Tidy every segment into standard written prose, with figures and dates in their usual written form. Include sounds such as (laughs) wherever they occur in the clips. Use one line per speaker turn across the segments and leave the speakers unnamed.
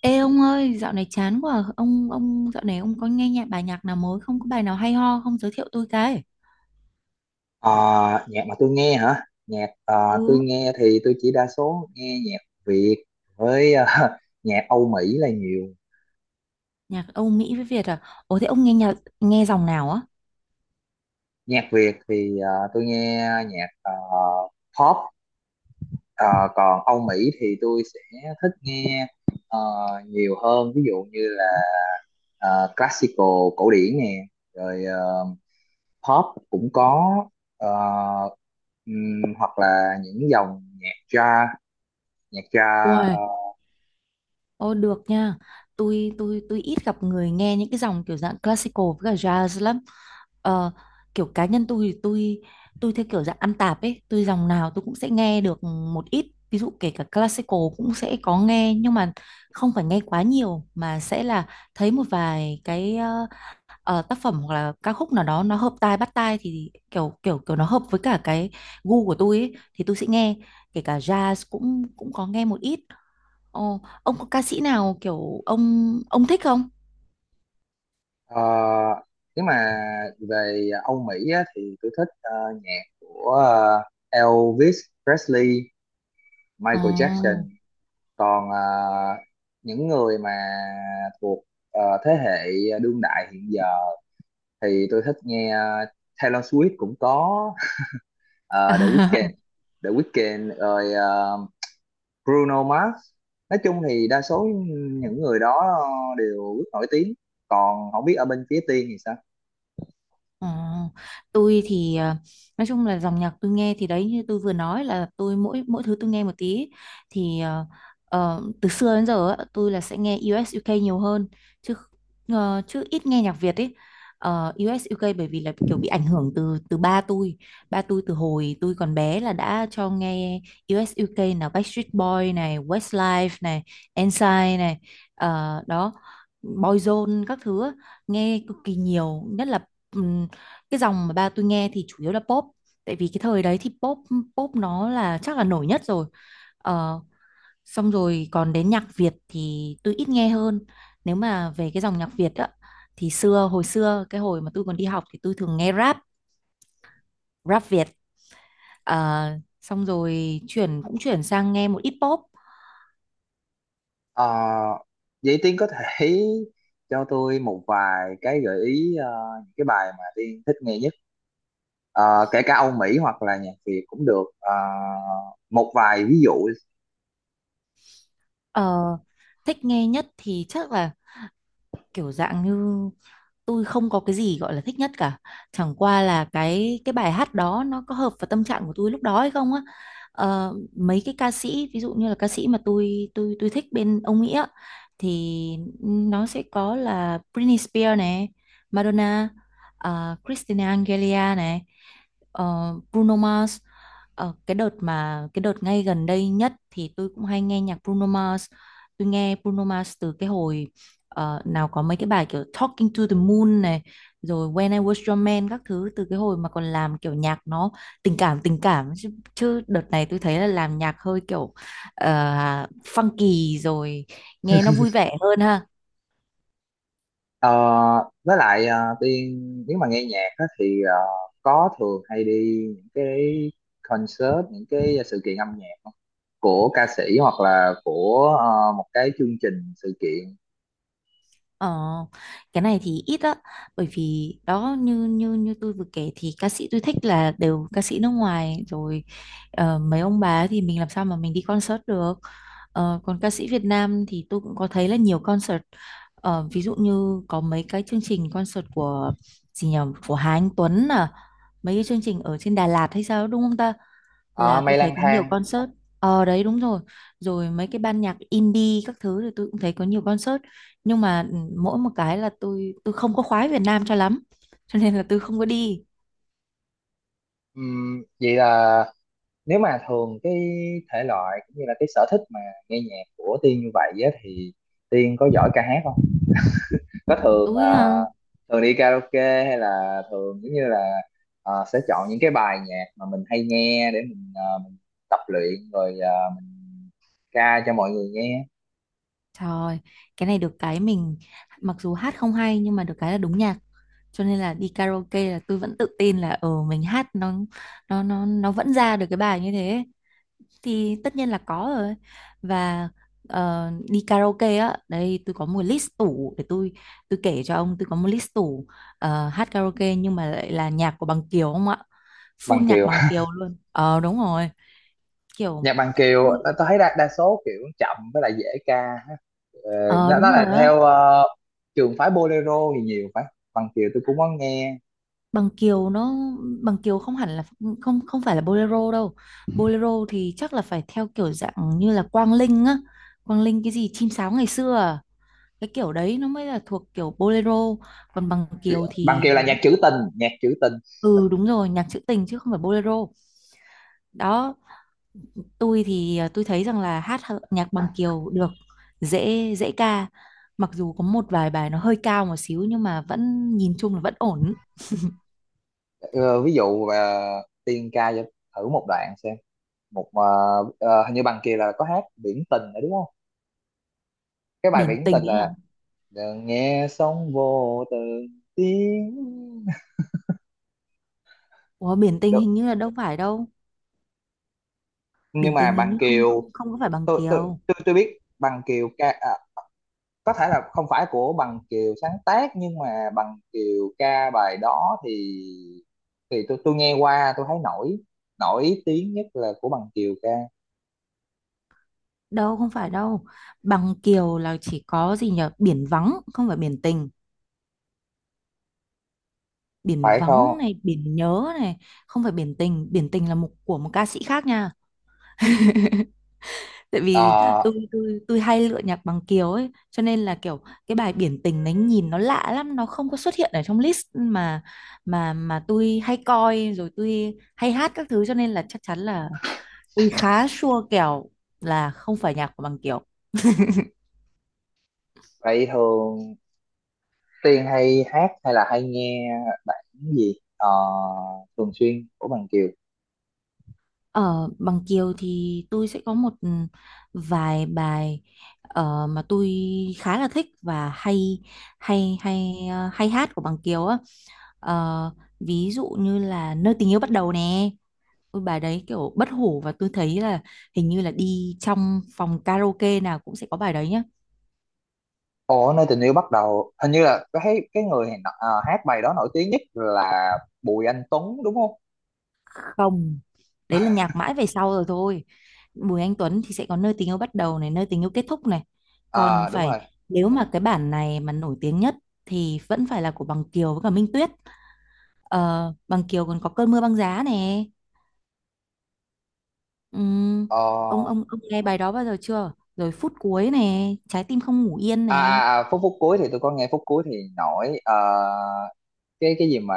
Ê ông ơi, dạo này chán quá. Ông dạo này ông có nghe bài nhạc nào mới không? Có bài nào hay ho không, giới thiệu tôi cái?
Ờ, Nhạc mà tôi nghe hả? Tôi
Ừ,
nghe thì tôi chỉ đa số nghe nhạc Việt với (laughs) nhạc Âu Mỹ là nhiều.
nhạc Âu Mỹ với Việt à? Ủa, thế ông nghe nghe dòng nào á?
Nhạc Việt thì tôi nghe nhạc pop. Ờ, Còn Âu Mỹ thì tôi sẽ thích nghe ờ, nhiều hơn. Ví dụ như là classical, cổ điển nè, rồi pop cũng có. Ờ, Hoặc là những dòng nhạc jazz, nhạc jazz. Ờ,
Uầy, ô được nha. Tôi ít gặp người nghe những cái dòng kiểu dạng classical với cả jazz lắm. Ờ, kiểu cá nhân tôi thì tôi theo kiểu dạng ăn tạp ấy, tôi dòng nào tôi cũng sẽ nghe được một ít. Ví dụ kể cả classical cũng sẽ có nghe, nhưng mà không phải nghe quá nhiều mà sẽ là thấy một vài cái tác phẩm hoặc là ca khúc nào đó nó hợp tai bắt tai, thì kiểu kiểu kiểu nó hợp với cả cái gu của tôi ấy, thì tôi sẽ nghe. Kể cả jazz cũng cũng có nghe một ít. Ồ, ông có ca sĩ nào kiểu ông thích không?
Ờ, Nếu mà về Âu Mỹ á, thì tôi thích nhạc của Elvis Presley, Michael
Ồ.
Jackson. Còn những người mà thuộc thế hệ đương đại hiện giờ thì tôi thích nghe Taylor Swift cũng có, The Weeknd,
(laughs)
Rồi Bruno Mars. Nói chung thì đa số những người đó đều rất nổi tiếng. Còn không biết ở bên phía Tiên thì sao?
Ờ, tôi thì nói chung là dòng nhạc tôi nghe thì đấy, như tôi vừa nói, là tôi mỗi mỗi thứ tôi nghe một tí. Thì từ xưa đến giờ á, tôi là sẽ nghe U.S. UK nhiều hơn, chứ chứ ít nghe nhạc Việt ấy. Ờ, u u UK bởi vì là kiểu bị ảnh hưởng từ từ ba tôi. Ba tôi từ hồi tôi còn bé là đã cho nghe U.S. US UK, nào Backstreet Boy này, Westlife này, Ensign này, ờ đó, Boyzone các thứ á, nghe cực kỳ nhiều. Nhất là cái dòng mà ba tôi nghe thì chủ yếu là pop, tại vì cái thời đấy thì pop pop nó là chắc là nổi nhất rồi. ờ, Xong rồi còn đến nhạc Việt thì tôi ít nghe hơn. Nếu mà về cái dòng nhạc Việt á, thì hồi xưa cái hồi mà tôi còn đi học thì tôi thường nghe rap rap Việt. Ờ, xong rồi chuyển sang nghe một ít pop.
Ờ, Vậy Tiên có thể (laughs) cho tôi một vài cái gợi ý, những cái bài mà Tiên thích nghe nhất. Ờ, Kể cả Âu Mỹ hoặc là nhạc Việt cũng được. Ờ, Một vài ví dụ.
Ờ, thích nghe nhất thì chắc là kiểu dạng như... tôi không có cái gì gọi là thích nhất cả, chẳng qua là cái bài hát đó nó có hợp vào tâm trạng của tôi lúc đó hay không á. Ờ, mấy cái ca sĩ, ví dụ như là ca sĩ mà tôi thích bên ông Mỹ á, thì nó sẽ có là Britney Spears này, Madonna, Christina Aguilera này, Bruno Mars. Ờ, cái đợt ngay gần đây nhất thì tôi cũng hay nghe nhạc Bruno Mars. Tôi nghe Bruno Mars từ cái hồi nào có mấy cái bài kiểu Talking to the Moon này, rồi When I Was Your Man các thứ, từ cái hồi mà còn làm kiểu nhạc nó tình cảm, tình cảm chứ. Chứ đợt này tôi thấy là làm nhạc hơi kiểu ờ, funky rồi, nghe nó vui vẻ hơn ha.
Ờ, với lại Tiên, nếu mà nghe nhạc á, thì có thường hay đi những cái concert, những cái sự kiện âm nhạc không? Của ca sĩ hoặc là của một cái chương trình sự kiện.
Ờ, cái này thì ít á, bởi vì đó, như như như tôi vừa kể, thì ca sĩ tôi thích là đều ca sĩ nước ngoài rồi. Mấy ông bà ấy thì mình làm sao mà mình đi concert được. Ờ, còn ca sĩ Việt Nam thì tôi cũng có thấy là nhiều concert. Ờ, ví dụ như có mấy cái chương trình concert của... gì nhỉ... của Hà Anh Tuấn à, mấy cái chương trình ở trên Đà Lạt hay sao đúng không ta,
Ờ,
là
Mây
tôi thấy
Lang
có nhiều
Thang.
concert. Ờ đấy, đúng rồi, rồi mấy cái ban nhạc indie các thứ thì tôi cũng thấy có nhiều concert. Nhưng mà mỗi một cái là tôi không có khoái Việt Nam cho lắm (laughs) cho nên là tôi không có đi.
Vậy là nếu mà thường cái thể loại cũng như là cái sở thích mà nghe nhạc của Tiên như vậy á, thì Tiên có giỏi ca hát không? Có thường
Tôi
ờ,
à?
thường đi karaoke hay là thường giống như là sẽ chọn những cái bài nhạc mà mình hay nghe để mình tập luyện rồi mình ca cho mọi người nghe.
Trời, cái này được cái mình... mặc dù hát không hay nhưng mà được cái là đúng nhạc, cho nên là đi karaoke là tôi vẫn tự tin là mình hát nó vẫn ra được cái bài như thế. Thì tất nhiên là có rồi. Và đi karaoke á, đây tôi có một list tủ để tôi kể cho ông. Tôi có một list tủ hát karaoke nhưng mà lại là nhạc của Bằng Kiều, không ạ,
Bằng
full nhạc
Kiều,
Bằng
(laughs)
Kiều luôn. Ờ đúng rồi. kiểu
nhạc Bằng Kiều
tôi-
tao tao thấy đa số kiểu chậm với lại dễ ca. Ờ,
ờ
nó
đúng
nó là
rồi á.
theo trường phái bolero thì nhiều phải. Bằng Kiều tôi cũng có nghe.
Bằng Kiều nó Bằng Kiều không hẳn là... không không phải là bolero đâu. Bolero thì chắc là phải theo kiểu dạng như là Quang Linh á, Quang Linh cái gì chim sáo ngày xưa à? Cái kiểu đấy nó mới là thuộc kiểu bolero. Còn Bằng Kiều
Bằng
thì
Kiều là nhạc trữ tình, nhạc trữ tình.
ừ đúng rồi, nhạc trữ tình chứ không phải bolero. Đó. Tôi thì tôi thấy rằng là hát nhạc Bằng Kiều được, dễ dễ ca, mặc dù có một vài bài nó hơi cao một xíu nhưng mà vẫn nhìn chung là vẫn ổn.
Ờ, Ví dụ Tiên ca cho thử một đoạn xem một hình như Bằng Kiều là có hát Biển Tình nữa đúng không? Cái bài
Biển
Biển
tình
Tình
ấy hả?
là "đừng nghe sóng vô từ tiếng".
Ủa, biển tình
Được.
hình như là đâu phải đâu.
Nhưng
Biển
mà
tình hình
Bằng
như không
Kiều,
không không có phải Bằng
tôi tôi
Kiều
tôi, tôi biết Bằng Kiều ca à, có thể là không phải của Bằng Kiều sáng tác nhưng mà Bằng Kiều ca bài đó thì tôi nghe qua tôi thấy nổi nổi tiếng nhất là của Bằng Kiều ca,
đâu, không phải đâu. Bằng Kiều là chỉ có gì nhở, biển vắng, không phải biển tình. Biển
phải
vắng
không?
này, biển nhớ này, không phải biển tình. Biển tình là một của một ca sĩ khác nha. Tại vì
Ờ,
tôi hay lựa nhạc Bằng Kiều ấy, cho nên là kiểu cái bài biển tình đấy nhìn nó lạ lắm, nó không có xuất hiện ở trong list mà tôi hay coi, rồi tôi hay hát các thứ, cho nên là chắc chắn là tôi khá sure kèo là không phải nhạc của Bằng Kiều.
Vậy thường Tiên hay hát hay là hay nghe bản gì thường xuyên của Bằng Kiều?
Ở Bằng Kiều thì tôi sẽ có một vài bài mà tôi khá là thích và hay hay hay ờ, hay hát của Bằng Kiều á. Ờ, ví dụ như là Nơi tình yêu bắt đầu nè. Ôi bài đấy kiểu bất hủ, và tôi thấy là hình như là đi trong phòng karaoke nào cũng sẽ có bài đấy.
Ồ, Nơi Tình Yêu Bắt Đầu hình như là cái người nọ- hát bài đó nổi tiếng nhất là Bùi Anh Tuấn đúng không?
Không, đấy là nhạc mãi về sau rồi thôi. Bùi Anh Tuấn thì sẽ có Nơi tình yêu bắt đầu này, Nơi tình yêu kết thúc này. Còn
Ờ, đúng rồi.
phải, nếu mà cái bản này mà nổi tiếng nhất thì vẫn phải là của Bằng Kiều với cả Minh Tuyết. Ờ, Bằng Kiều còn có Cơn mưa băng giá nè. Ừm, ông
Ờ,
ông ông nghe bài đó bao giờ chưa, rồi Phút cuối nè, Trái tim không ngủ yên
À,
nè.
à, à, phút phút cuối thì tôi có nghe, phút cuối thì nổi. Ờ, cái gì mà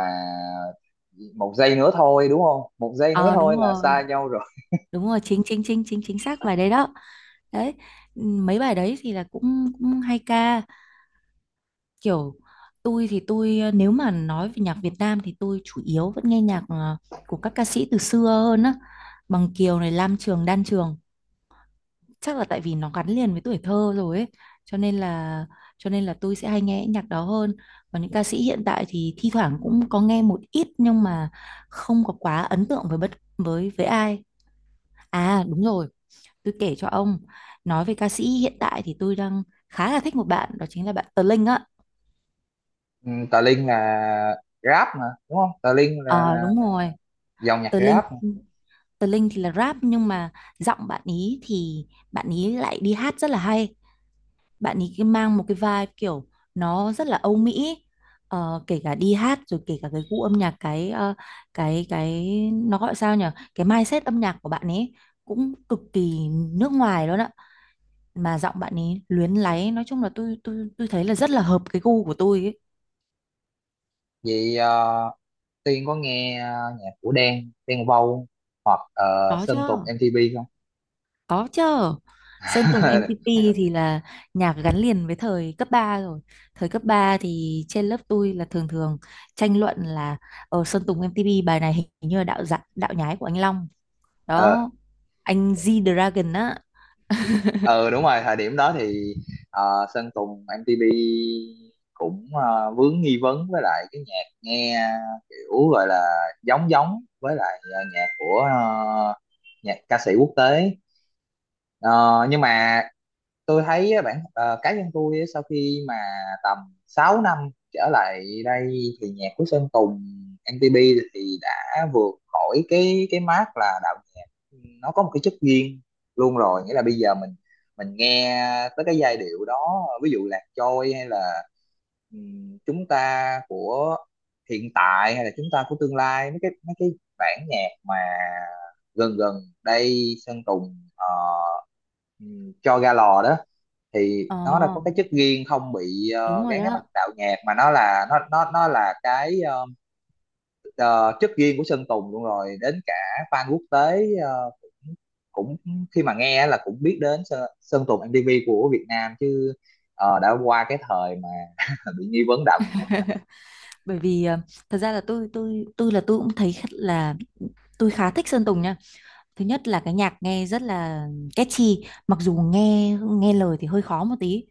"một giây nữa thôi" đúng không? "Một giây nữa
Ờ đúng
thôi là xa
rồi,
nhau rồi."
đúng rồi, chính chính chính chính chính xác bài đấy đó. Đấy, mấy bài đấy thì là cũng cũng hay ca. Kiểu tôi thì nếu mà nói về nhạc Việt Nam thì tôi chủ yếu vẫn nghe nhạc của các ca sĩ từ xưa hơn á, Bằng Kiều này, Lam Trường, Đan Trường, chắc là tại vì nó gắn liền với tuổi thơ rồi ấy, cho nên là tôi sẽ hay nghe nhạc đó hơn. Còn những ca sĩ hiện tại thì thi thoảng cũng có nghe một ít, nhưng mà không có quá ấn tượng với bất với ai. À đúng rồi, tôi kể cho ông, nói về ca sĩ hiện tại thì tôi đang khá là thích một bạn, đó chính là bạn Tờ Linh á.
Ừ, Tà Linh là rap mà đúng không? Tà Linh
Ờ
là
đúng rồi,
dòng nhạc
Tờ Linh
rap.
Tờ Linh thì là rap nhưng mà giọng bạn ý thì bạn ý lại đi hát rất là hay. Bạn ý cái mang một cái vibe kiểu nó rất là Âu Mỹ. Ờ, kể cả đi hát rồi kể cả cái gu âm nhạc, cái ờ, cái nó gọi sao nhỉ? Cái mindset âm nhạc của bạn ấy cũng cực kỳ nước ngoài luôn ạ. Mà giọng bạn ấy luyến láy, nói chung là tôi thấy là rất là hợp cái gu của tôi ấy.
Vậy Tiên có nghe nhạc của Đen Vâu hoặc
Có chứ.
Sơn Tùng MTP không?
Có chứ. Sơn Tùng
(laughs)
MTP thì là nhạc gắn liền với thời cấp 3 rồi. Thời cấp 3 thì trên lớp tôi là thường thường tranh luận là Sơn Tùng MTP bài này hình như là đạo nhái của anh Long.
Ờ
Đó. Anh G-Dragon á.
ờ, đúng rồi, thời điểm đó thì Sơn Tùng MTP cũng vướng nghi vấn với lại cái nhạc nghe kiểu gọi là giống giống với lại nhạc ca sĩ quốc tế. Ờ, nhưng mà tôi thấy á, bản cá nhân tôi á, sau khi mà tầm 6 năm trở lại đây thì nhạc của Sơn Tùng MTP thì đã vượt khỏi cái mác là đạo nhạc, nó có một cái chất riêng luôn rồi, nghĩa là bây giờ mình nghe tới cái giai điệu đó, ví dụ Lạc Trôi hay là Chúng Ta Của Hiện Tại hay là Chúng Ta Của Tương Lai, mấy cái bản nhạc mà gần gần đây Sơn Tùng ừ, cho ra lò đó, thì
Ờ,
nó đã có cái chất riêng, không bị
đúng rồi
gán cái mắt
đó.
đạo nhạc mà nó là, nó là cái ờ, chất riêng của Sơn Tùng luôn rồi, đến cả fan quốc tế cũng khi mà nghe là cũng biết đến Sơn Tùng MTV của Việt Nam chứ. Đã qua cái thời mà (laughs) bị nghi vấn đạo nhạc.
Bởi vì thật ra là tôi cũng thấy khá- là tôi khá thích Sơn Tùng nha. Thứ nhất là cái nhạc nghe rất là catchy, mặc dù nghe nghe lời thì hơi khó một tí,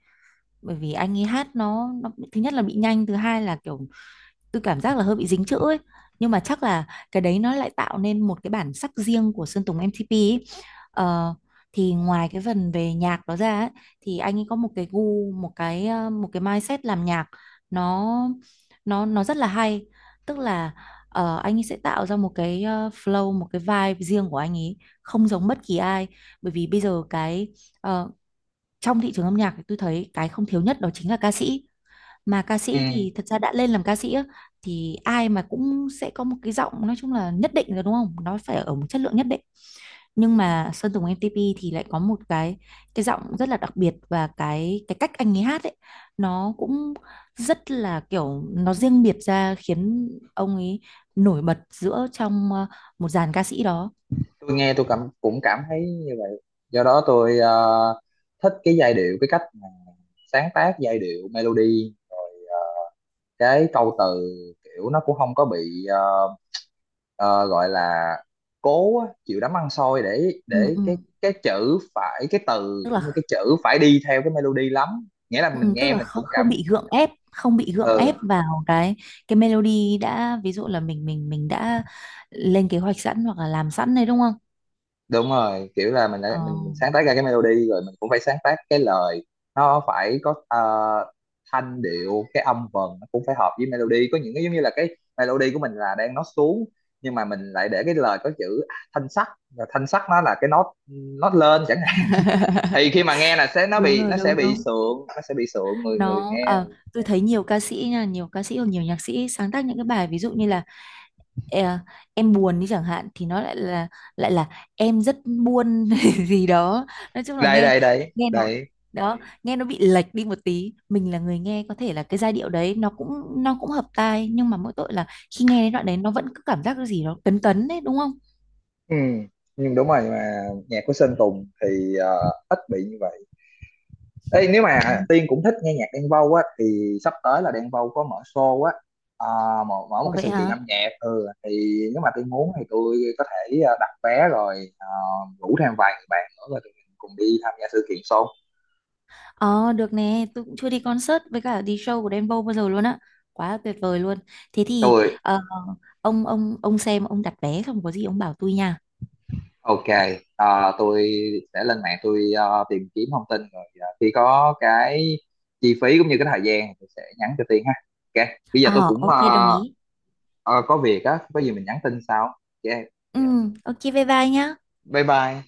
bởi vì anh ấy hát, nó thứ nhất là bị nhanh, thứ hai là kiểu tôi cảm giác là hơi bị dính chữ ấy, nhưng mà chắc là cái đấy nó lại tạo nên một cái bản sắc riêng của Sơn Tùng MTP ấy. Ờ, thì ngoài cái phần về nhạc đó ra ấy, thì anh ấy có một cái gu, một cái một cái mindset làm nhạc, nó nó rất là hay. Tức là anh ấy sẽ tạo ra một cái flow, một cái vibe riêng của anh ấy, không giống bất kỳ ai. Bởi vì bây giờ ờ, trong thị trường âm nhạc thì tôi thấy cái không thiếu nhất đó chính là ca sĩ. Mà ca
Ừ.
sĩ thì thật ra đã lên làm ca sĩ á, thì ai mà cũng sẽ có một cái giọng, nói chung là nhất định rồi đúng không, nó phải ở một chất lượng nhất định. Nhưng mà Sơn Tùng MTP thì lại có một cái giọng rất là đặc biệt, và cái cách anh ấy hát ấy nó cũng rất là kiểu nó riêng biệt ra, khiến ông ấy nổi bật giữa trong một dàn ca sĩ đó.
Tôi nghe tôi cũng cảm thấy như vậy, do đó tôi thích cái giai điệu, cái cách mà sáng tác giai điệu melody, cái câu từ kiểu nó cũng không có bị ờ, gọi là cố á, chịu đấm ăn xôi để
Ừ,
để
ừ.
cái cái chữ phải, cái từ
Tức
cũng như
là...
cái chữ phải đi theo cái melody lắm, nghĩa là mình
Ừ, tức
nghe
là
mình
không,
cũng cảm.
không bị gượng ép, không bị gượng ép
Ừ
vào cái melody đã, ví dụ là mình đã lên kế hoạch sẵn hoặc là làm sẵn đấy đúng không?
đúng rồi, kiểu là mình đã
Ờ.
mình, mình sáng tác ra cái melody rồi mình cũng phải sáng tác cái lời, nó phải có thanh điệu, cái âm vần nó cũng phải hợp với melody, có những cái giống như là cái melody của mình là đang nó xuống nhưng mà mình lại để cái lời có chữ à, thanh sắc, và thanh sắc nó là cái nốt, nốt lên chẳng hạn,
(laughs)
thì khi mà nghe là sẽ nó
Đúng
bị,
rồi,
nó sẽ
đúng
bị
đúng.
sượng, nó sẽ bị sượng người người nghe.
Tôi thấy nhiều ca sĩ nha, nhiều ca sĩ hoặc nhiều nhạc sĩ sáng tác những cái bài ví dụ như là ờ, em buồn đi chẳng hạn, thì nó lại là em rất buồn (laughs) gì đó. Nói chung là
Đây
nghe
đây đây
nghe nó
đây.
đó nghe nó bị lệch đi một tí, mình là người nghe có thể là cái giai điệu đấy nó cũng hợp tai, nhưng mà mỗi tội là khi nghe đến đoạn đấy nó vẫn cứ cảm giác cái gì đó cấn cấn đấy đúng không.
Ừ. Nhưng đúng rồi, nhưng mà nhạc của Sơn Tùng thì ít bị như vậy. Ê, nếu
Ừ.
mà Tiên cũng thích nghe nhạc Đen Vâu á thì sắp tới là Đen Vâu có mở show á, à, mở một
Ủa
cái
vậy
sự kiện
hả,
âm nhạc ừ thì, nếu mà Tiên muốn thì tôi có thể đặt vé rồi rủ thêm vài người bạn nữa rồi tụi mình cùng đi tham gia sự kiện show.
ờ được nè, tôi cũng chưa đi concert với cả đi show của Đen Vâu bao giờ luôn á, quá là tuyệt vời luôn. Thế thì
Tôi
ông xem ông đặt vé xong có gì ông bảo tôi nha.
ok. Tôi sẽ lên mạng tôi tìm kiếm thông tin rồi khi có cái chi phí cũng như cái thời gian thì tôi sẽ nhắn cho Tiên ha. Ok, bây giờ
Ờ
tôi cũng
ok, đồng ý.
ờ, có việc á, có gì mình nhắn tin sau. Ok,
Ừ, ok, bye bye nhá.
bye bye.